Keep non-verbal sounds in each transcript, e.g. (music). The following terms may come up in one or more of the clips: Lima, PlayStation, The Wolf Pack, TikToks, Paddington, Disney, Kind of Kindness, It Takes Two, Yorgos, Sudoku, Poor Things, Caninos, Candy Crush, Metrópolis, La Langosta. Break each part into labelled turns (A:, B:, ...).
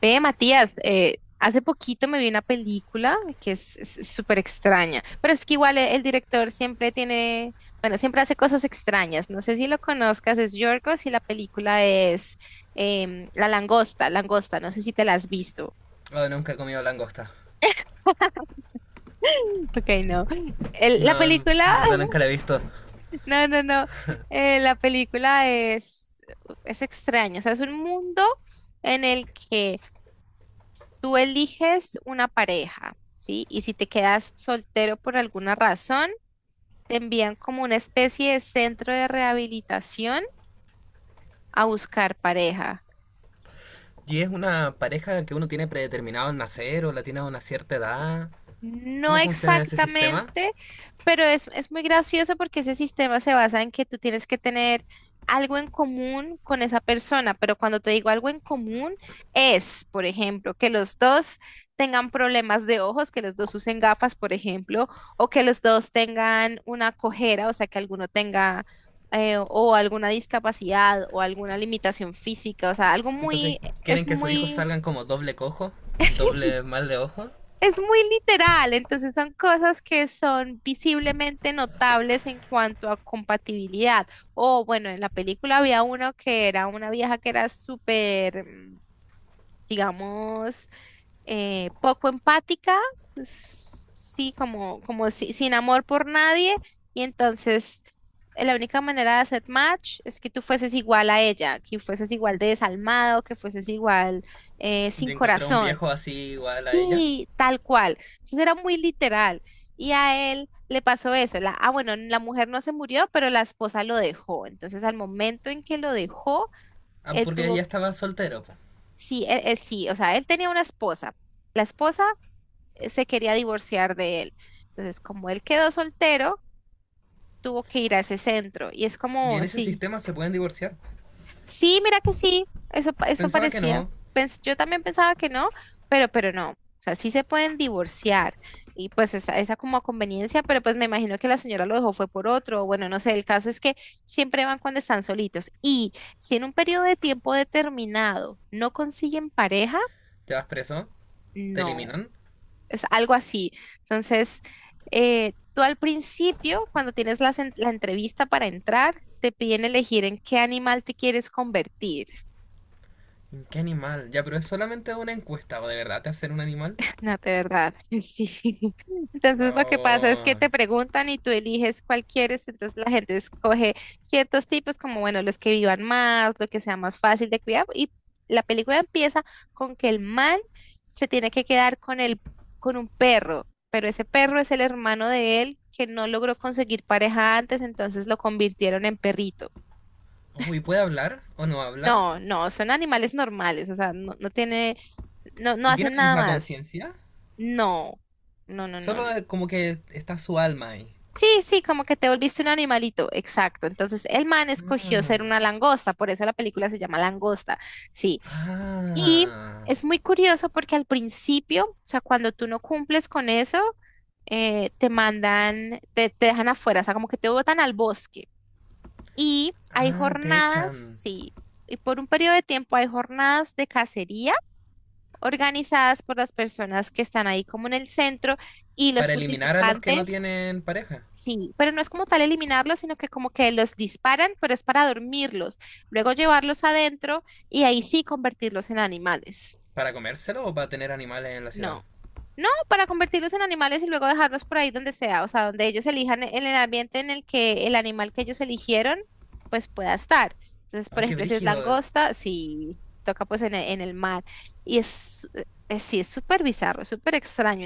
A: Ve, Matías, hace poquito me vi una película que es súper extraña, pero es que igual el, director siempre tiene, bueno, siempre hace cosas extrañas. No sé si lo conozcas, es Yorgos y la película es La Langosta, Langosta, no sé si te la has visto.
B: Oh, nunca he comido langosta.
A: (laughs) Ok, no. La
B: No, en
A: película,
B: verdad nunca la he visto.
A: (laughs) no, no, no, la película es extraña, o sea, es un mundo en el que... Tú eliges una pareja, ¿sí? Y si te quedas soltero por alguna razón, te envían como una especie de centro de rehabilitación a buscar pareja.
B: ¿Y es una pareja que uno tiene predeterminado en nacer o la tiene a una cierta edad?
A: No
B: ¿Cómo funciona ese sistema?
A: exactamente, pero es muy gracioso porque ese sistema se basa en que tú tienes que tener algo en común con esa persona, pero cuando te digo algo en común es, por ejemplo, que los dos tengan problemas de ojos, que los dos usen gafas, por ejemplo, o que los dos tengan una cojera, o sea, que alguno tenga o alguna discapacidad o alguna limitación física, o sea, algo
B: Entonces,
A: muy,
B: ¿quieren
A: es
B: que sus hijos
A: muy...
B: salgan como doble cojo? ¿Doble
A: (laughs)
B: mal de ojo?
A: Es muy literal, entonces son cosas que son visiblemente notables en cuanto a compatibilidad. O bueno, en la película había uno que era una vieja que era súper, digamos, poco empática, sí, como, como sin amor por nadie, y entonces la única manera de hacer match es que tú fueses igual a ella, que fueses igual de desalmado, que fueses igual sin
B: Yo encontré a un
A: corazón.
B: viejo así igual a ella.
A: Sí, tal cual. Entonces era muy literal. Y a él le pasó eso. La, ah, bueno, la mujer no se murió, pero la esposa lo dejó. Entonces, al momento en que lo dejó,
B: Ah,
A: él
B: porque
A: tuvo,
B: ella estaba soltero. Po.
A: sí, sí, o sea, él tenía una esposa. La esposa se quería divorciar de él. Entonces, como él quedó soltero, tuvo que ir a ese centro. Y es
B: Y
A: como,
B: en ese
A: sí.
B: sistema se pueden divorciar.
A: Sí, mira que sí, eso, eso
B: Pensaba que
A: parecía.
B: no.
A: Yo también pensaba que no, pero no. O sea, sí se pueden divorciar y pues esa como a conveniencia, pero pues me imagino que la señora lo dejó fue por otro. Bueno, no sé, el caso es que siempre van cuando están solitos. Y si en un periodo de tiempo determinado no consiguen pareja,
B: Te vas preso. Te
A: no,
B: eliminan.
A: es algo así. Entonces, tú al principio, cuando tienes la entrevista para entrar, te piden elegir en qué animal te quieres convertir.
B: ¿Qué animal? Ya, pero es solamente una encuesta, ¿o de verdad te hacen un animal?
A: No, de verdad, (laughs) sí. Entonces lo que pasa es que
B: Oh.
A: te preguntan y tú eliges cuál quieres, entonces la gente escoge ciertos tipos como, bueno, los que vivan más, lo que sea más fácil de cuidar y la película empieza con que el man se tiene que quedar con el, con un perro, pero ese perro es el hermano de él que no logró conseguir pareja antes, entonces lo convirtieron en perrito.
B: Uy, ¿puede hablar o no habla?
A: No, no, son animales normales, o sea, no, no tiene, no, no
B: ¿Y tiene
A: hacen
B: la
A: nada
B: misma
A: más.
B: conciencia?
A: No. No, no, no, no.
B: Solo como que está su alma ahí.
A: Sí, sí, como que te volviste un animalito, exacto. Entonces el man escogió ser una
B: Ah,
A: langosta, por eso la película se llama Langosta, sí. Y
B: ah,
A: es muy curioso porque al principio, o sea, cuando tú no cumples con eso, te mandan, te dejan afuera, o sea, como que te botan al bosque. Y hay
B: ah, te
A: jornadas,
B: echan.
A: sí, y por un periodo de tiempo hay jornadas de cacería organizadas por las personas que están ahí como en el centro y los
B: Para eliminar a los que no
A: participantes.
B: tienen pareja.
A: Sí, pero no es como tal eliminarlos, sino que como que los disparan, pero es para dormirlos, luego llevarlos adentro y ahí sí convertirlos en animales.
B: ¿Para comérselo o para tener animales en la ciudad?
A: No, no, para convertirlos en animales y luego dejarlos por ahí donde sea, o sea, donde ellos elijan en el ambiente en el que el animal que ellos eligieron, pues pueda estar. Entonces, por
B: Oh, qué
A: ejemplo, si es
B: brígido.
A: langosta, sí, toca pues en el mar. Y es, sí, es súper bizarro, súper extraño.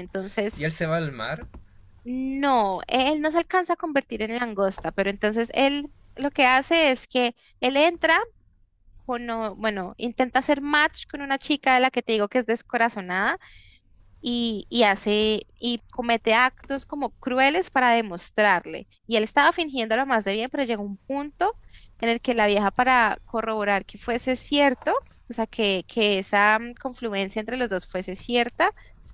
B: Y
A: Entonces...
B: él se va al mar,
A: No, él no se alcanza a convertir en langosta, pero entonces él lo que hace es que él entra, con, bueno, intenta hacer match con una chica de la que te digo que es descorazonada y hace y comete actos como crueles para demostrarle. Y él estaba fingiéndolo más de bien, pero llegó un punto en el que la vieja para corroborar que fuese cierto, o sea, que esa confluencia entre los dos fuese cierta,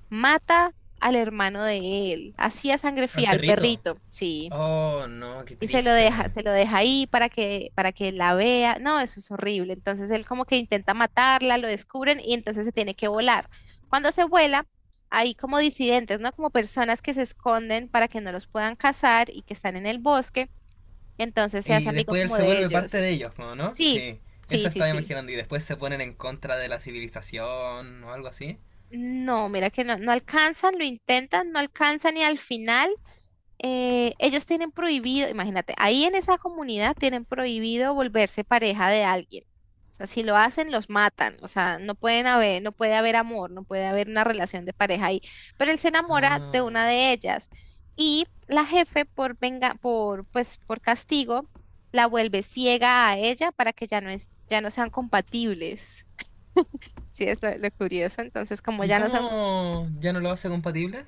A: mata al hermano de él, así a sangre
B: al
A: fría, al
B: perrito.
A: perrito, sí
B: Oh, no, qué
A: y
B: triste.
A: se lo deja ahí para que la vea. No, eso es horrible. Entonces él como que intenta matarla, lo descubren y entonces se tiene que volar. Cuando se vuela, hay como disidentes, ¿no? Como personas que se esconden para que no los puedan cazar y que están en el bosque. Entonces se hace
B: Y
A: amigo
B: después él
A: como
B: se
A: de
B: vuelve parte de
A: ellos.
B: ellos, ¿no? ¿No?
A: Sí,
B: Sí,
A: sí,
B: eso
A: sí,
B: estaba
A: sí.
B: imaginando. Y después se ponen en contra de la civilización o algo así.
A: No, mira que no, no alcanzan, lo intentan, no alcanzan y al final ellos tienen prohibido, imagínate, ahí en esa comunidad tienen prohibido volverse pareja de alguien. O sea, si lo hacen, los matan. O sea, no pueden haber, no puede haber amor, no puede haber una relación de pareja ahí. Pero él se enamora de
B: Ah.
A: una de ellas y la jefe por venga, por pues por castigo, la vuelve ciega a ella para que ya no es, ya no sean compatibles. Sí, es lo curioso. Entonces, como
B: ¿Y
A: ya no son,
B: cómo ya no lo hace compatible?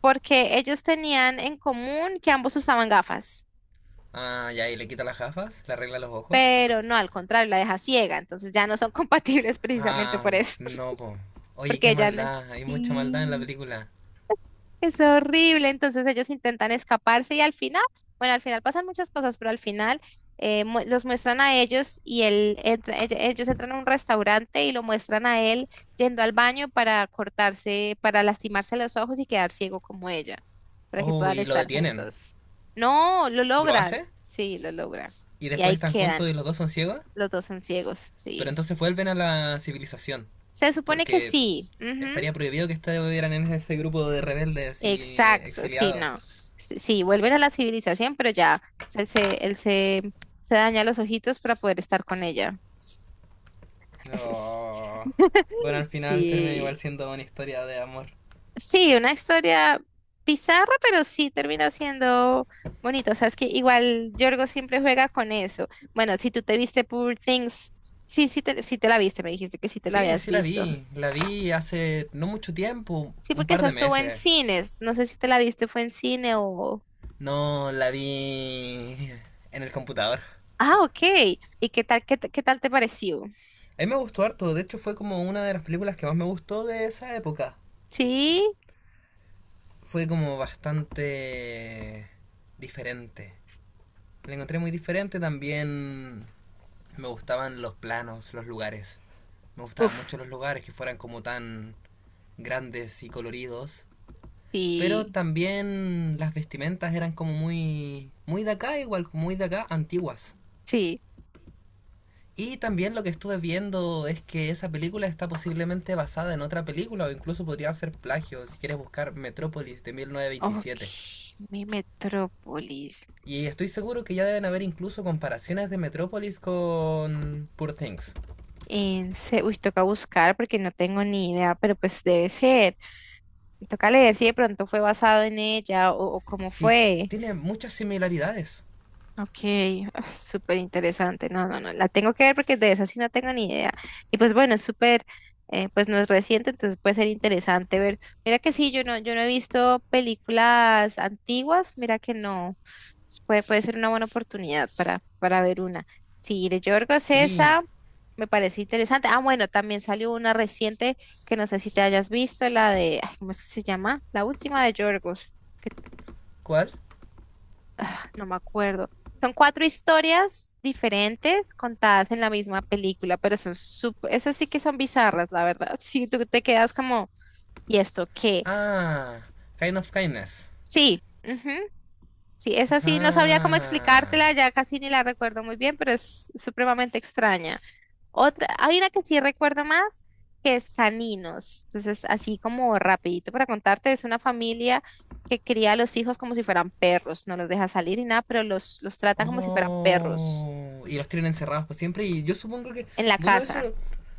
A: porque ellos tenían en común que ambos usaban gafas.
B: Ah, ya, y le quita las gafas, le arregla los ojos.
A: Pero no, al contrario, la deja ciega, entonces ya no son (laughs) compatibles precisamente
B: Ah,
A: por eso,
B: no, po.
A: (laughs)
B: Oye,
A: porque
B: qué
A: ella no.
B: maldad, hay mucha maldad en la
A: Sí,
B: película.
A: es horrible, entonces ellos intentan escaparse y al final, bueno, al final pasan muchas cosas, pero al final los muestran a ellos y él ellos entran a un restaurante y lo muestran a él yendo al baño para cortarse, para lastimarse los ojos y quedar ciego como ella, para que
B: Oh,
A: puedan
B: y lo
A: estar
B: detienen.
A: juntos. No, lo
B: ¿Lo
A: logran,
B: hace?
A: sí, lo logran.
B: Y
A: Y
B: después
A: ahí
B: están
A: quedan,
B: juntos y los dos son ciegos.
A: los dos son ciegos,
B: Pero
A: sí.
B: entonces vuelven a la civilización.
A: Se supone que
B: Porque
A: sí. Ujú,
B: estaría prohibido que estuvieran en ese grupo de rebeldes y
A: exacto, sí,
B: exiliados.
A: no. Sí, sí, vuelven a la civilización, pero ya él se, se daña los ojitos para poder estar con ella. Es- es-
B: Oh. Bueno,
A: (laughs)
B: al final termina
A: sí.
B: igual siendo una historia de amor.
A: Sí, una historia bizarra, pero sí termina siendo bonita. O sea, es que igual Yorgo siempre juega con eso. Bueno, si tú te viste Poor Things, sí, sí te la viste, me dijiste que sí te la
B: Sí,
A: habías
B: sí la
A: visto.
B: vi. La vi hace no mucho tiempo,
A: Sí,
B: un
A: porque
B: par
A: esa
B: de
A: estuvo en
B: meses.
A: cines. No sé si te la viste, fue en cine o...
B: No la vi en el computador.
A: Ah, ok. ¿Y qué tal, qué, qué tal te pareció?
B: A mí me gustó harto, de hecho fue como una de las películas que más me gustó de esa época.
A: Sí,
B: Fue como bastante diferente. La encontré muy diferente, también me gustaban los planos, los lugares. Me gustaban
A: uf,
B: mucho los lugares que fueran como tan grandes y coloridos. Pero
A: sí,
B: también las vestimentas eran como muy de acá, igual, muy de acá, antiguas.
A: sí.
B: Y también lo que estuve viendo es que esa película está posiblemente basada en otra película o incluso podría ser plagio si quieres buscar Metrópolis de
A: Ok,
B: 1927.
A: mi metrópolis.
B: Y estoy seguro que ya deben haber incluso comparaciones de Metrópolis con Poor Things.
A: En se... Uy, toca buscar porque no tengo ni idea, pero pues debe ser. Toca leer si de pronto fue basado en ella o cómo
B: Sí,
A: fue.
B: tiene muchas similaridades.
A: Ok, ah, súper interesante. No, no, no, la tengo que ver porque de esa sí no tengo ni idea. Y pues bueno, es súper, pues no es reciente, entonces puede ser interesante ver. Mira que sí, yo no, yo no he visto películas antiguas, mira que no. Puede, puede ser una buena oportunidad para ver una. Sí, de Yorgos
B: Sí.
A: esa me parece interesante. Ah, bueno, también salió una reciente que no sé si te hayas visto, la de, ay, ¿cómo es que se llama? La última de Yorgos
B: ¿Cuál?
A: no me acuerdo. Son cuatro historias diferentes contadas en la misma película, pero son súper, esas sí que son bizarras, la verdad. (laughs) Sí, tú te quedas como, ¿y esto qué?
B: Ah, Kind of Kindness.
A: Sí, ujú, sí, esa sí, no sabría cómo explicártela,
B: Ajá.
A: ya casi ni la recuerdo muy bien, pero es supremamente extraña. Otra, hay una que sí recuerdo más, que es Caninos. Entonces, así como rapidito para contarte, es una familia que cría a los hijos como si fueran perros, no los deja salir y nada, pero los tratan como si fueran perros.
B: Oh, y los tienen encerrados por siempre. Y yo supongo que,
A: En la
B: bueno,
A: casa.
B: eso,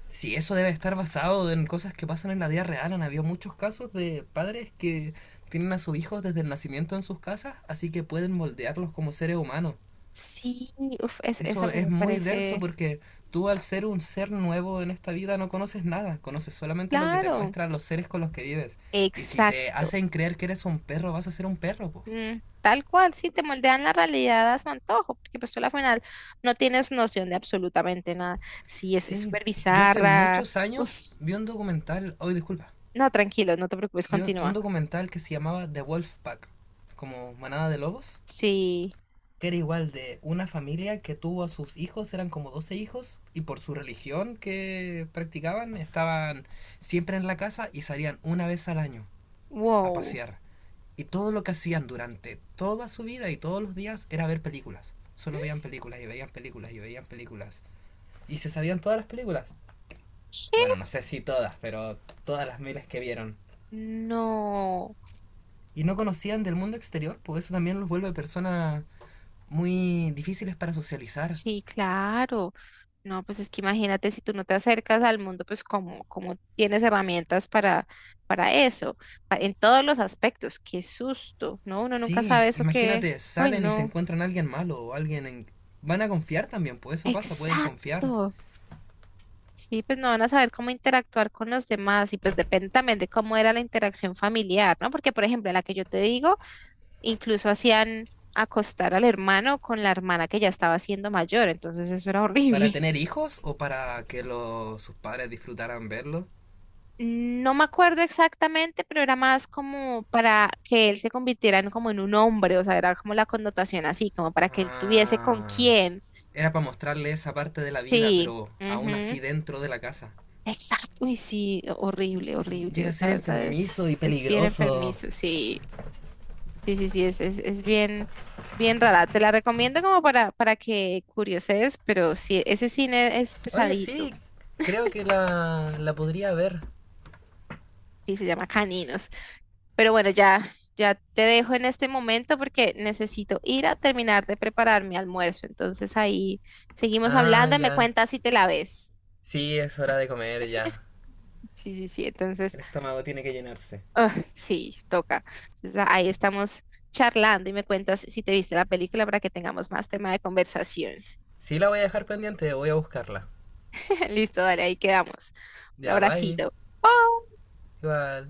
B: si eso debe estar basado en cosas que pasan en la vida real. Han habido muchos casos de padres que tienen a sus hijos desde el nacimiento en sus casas, así que pueden moldearlos como seres humanos.
A: Sí, uf, eso a
B: Eso
A: mí
B: es
A: me
B: muy denso
A: parece
B: porque tú al ser un ser nuevo en esta vida no conoces nada, conoces solamente lo que te
A: claro.
B: muestran los seres con los que vives. Y si te
A: Exacto.
B: hacen creer que eres un perro, vas a ser un perro, po.
A: Mm, tal cual, sí, te moldean la realidad a su antojo, porque pues tú a la final no tienes noción de absolutamente nada. Sí, es
B: Sí,
A: súper
B: yo hace
A: bizarra.
B: muchos
A: Uf,
B: años vi un documental, hoy disculpa,
A: no, tranquilo, no te preocupes,
B: vi un
A: continúa.
B: documental que se llamaba The Wolf Pack, como manada de lobos,
A: Sí,
B: que era igual de una familia que tuvo a sus hijos, eran como 12 hijos, y por su religión que practicaban, estaban siempre en la casa y salían una vez al año a
A: wow.
B: pasear. Y todo lo que hacían durante toda su vida y todos los días era ver películas. Solo veían películas y veían películas y veían películas. Y se sabían todas las películas.
A: ¿Qué?
B: Bueno, no sé si todas, pero todas las miles que vieron.
A: No.
B: Y no conocían del mundo exterior, pues eso también los vuelve personas muy difíciles para socializar.
A: Sí, claro. No, pues es que imagínate si tú no te acercas al mundo, pues como, como tienes herramientas para eso, en todos los aspectos. Qué susto, ¿no? Uno nunca
B: Sí,
A: sabe eso que...
B: imagínate,
A: Uy,
B: salen y se
A: no.
B: encuentran a alguien malo o alguien en... Van a confiar también, pues eso pasa, pueden confiar.
A: Exacto. Sí, pues no van a saber cómo interactuar con los demás y pues depende también de cómo era la interacción familiar, ¿no? Porque, por ejemplo, en la que yo te digo, incluso hacían acostar al hermano con la hermana que ya estaba siendo mayor, entonces eso era
B: ¿Para
A: horrible.
B: tener hijos o para que los, sus padres disfrutaran verlo?
A: Mm, no me acuerdo exactamente, pero era más como para que él se convirtiera en como en un hombre, o sea, era como la connotación así, como para que él tuviese con
B: Ah,
A: quién.
B: era para mostrarle esa parte de la vida,
A: Sí,
B: pero aún
A: ujú,
B: así dentro de la casa.
A: exacto, y sí, horrible,
B: Sí, llega
A: horrible.
B: a
A: La
B: ser
A: verdad
B: enfermizo y
A: es bien
B: peligroso.
A: enfermizo, sí, sí, sí, sí, es bien, bien rara. Te la recomiendo como para que curioses, pero sí, ese cine es
B: Oye,
A: pesadito,
B: sí, creo que la podría ver.
A: sí, se llama Caninos. Pero bueno, ya, ya te dejo en este momento porque necesito ir a terminar de preparar mi almuerzo. Entonces ahí seguimos
B: Ah,
A: hablando y me
B: ya.
A: cuentas si te la ves.
B: Sí, es hora de comer ya.
A: Sí, sí, sí. Entonces,
B: El estómago tiene que llenarse.
A: ah, sí, toca. Entonces, ahí estamos charlando y me cuentas si te viste la película para que tengamos más tema de conversación.
B: Sí, la voy a dejar pendiente, voy a buscarla.
A: (laughs) Listo, dale, ahí quedamos. Un
B: Ya, bye.
A: abracito.
B: Igual.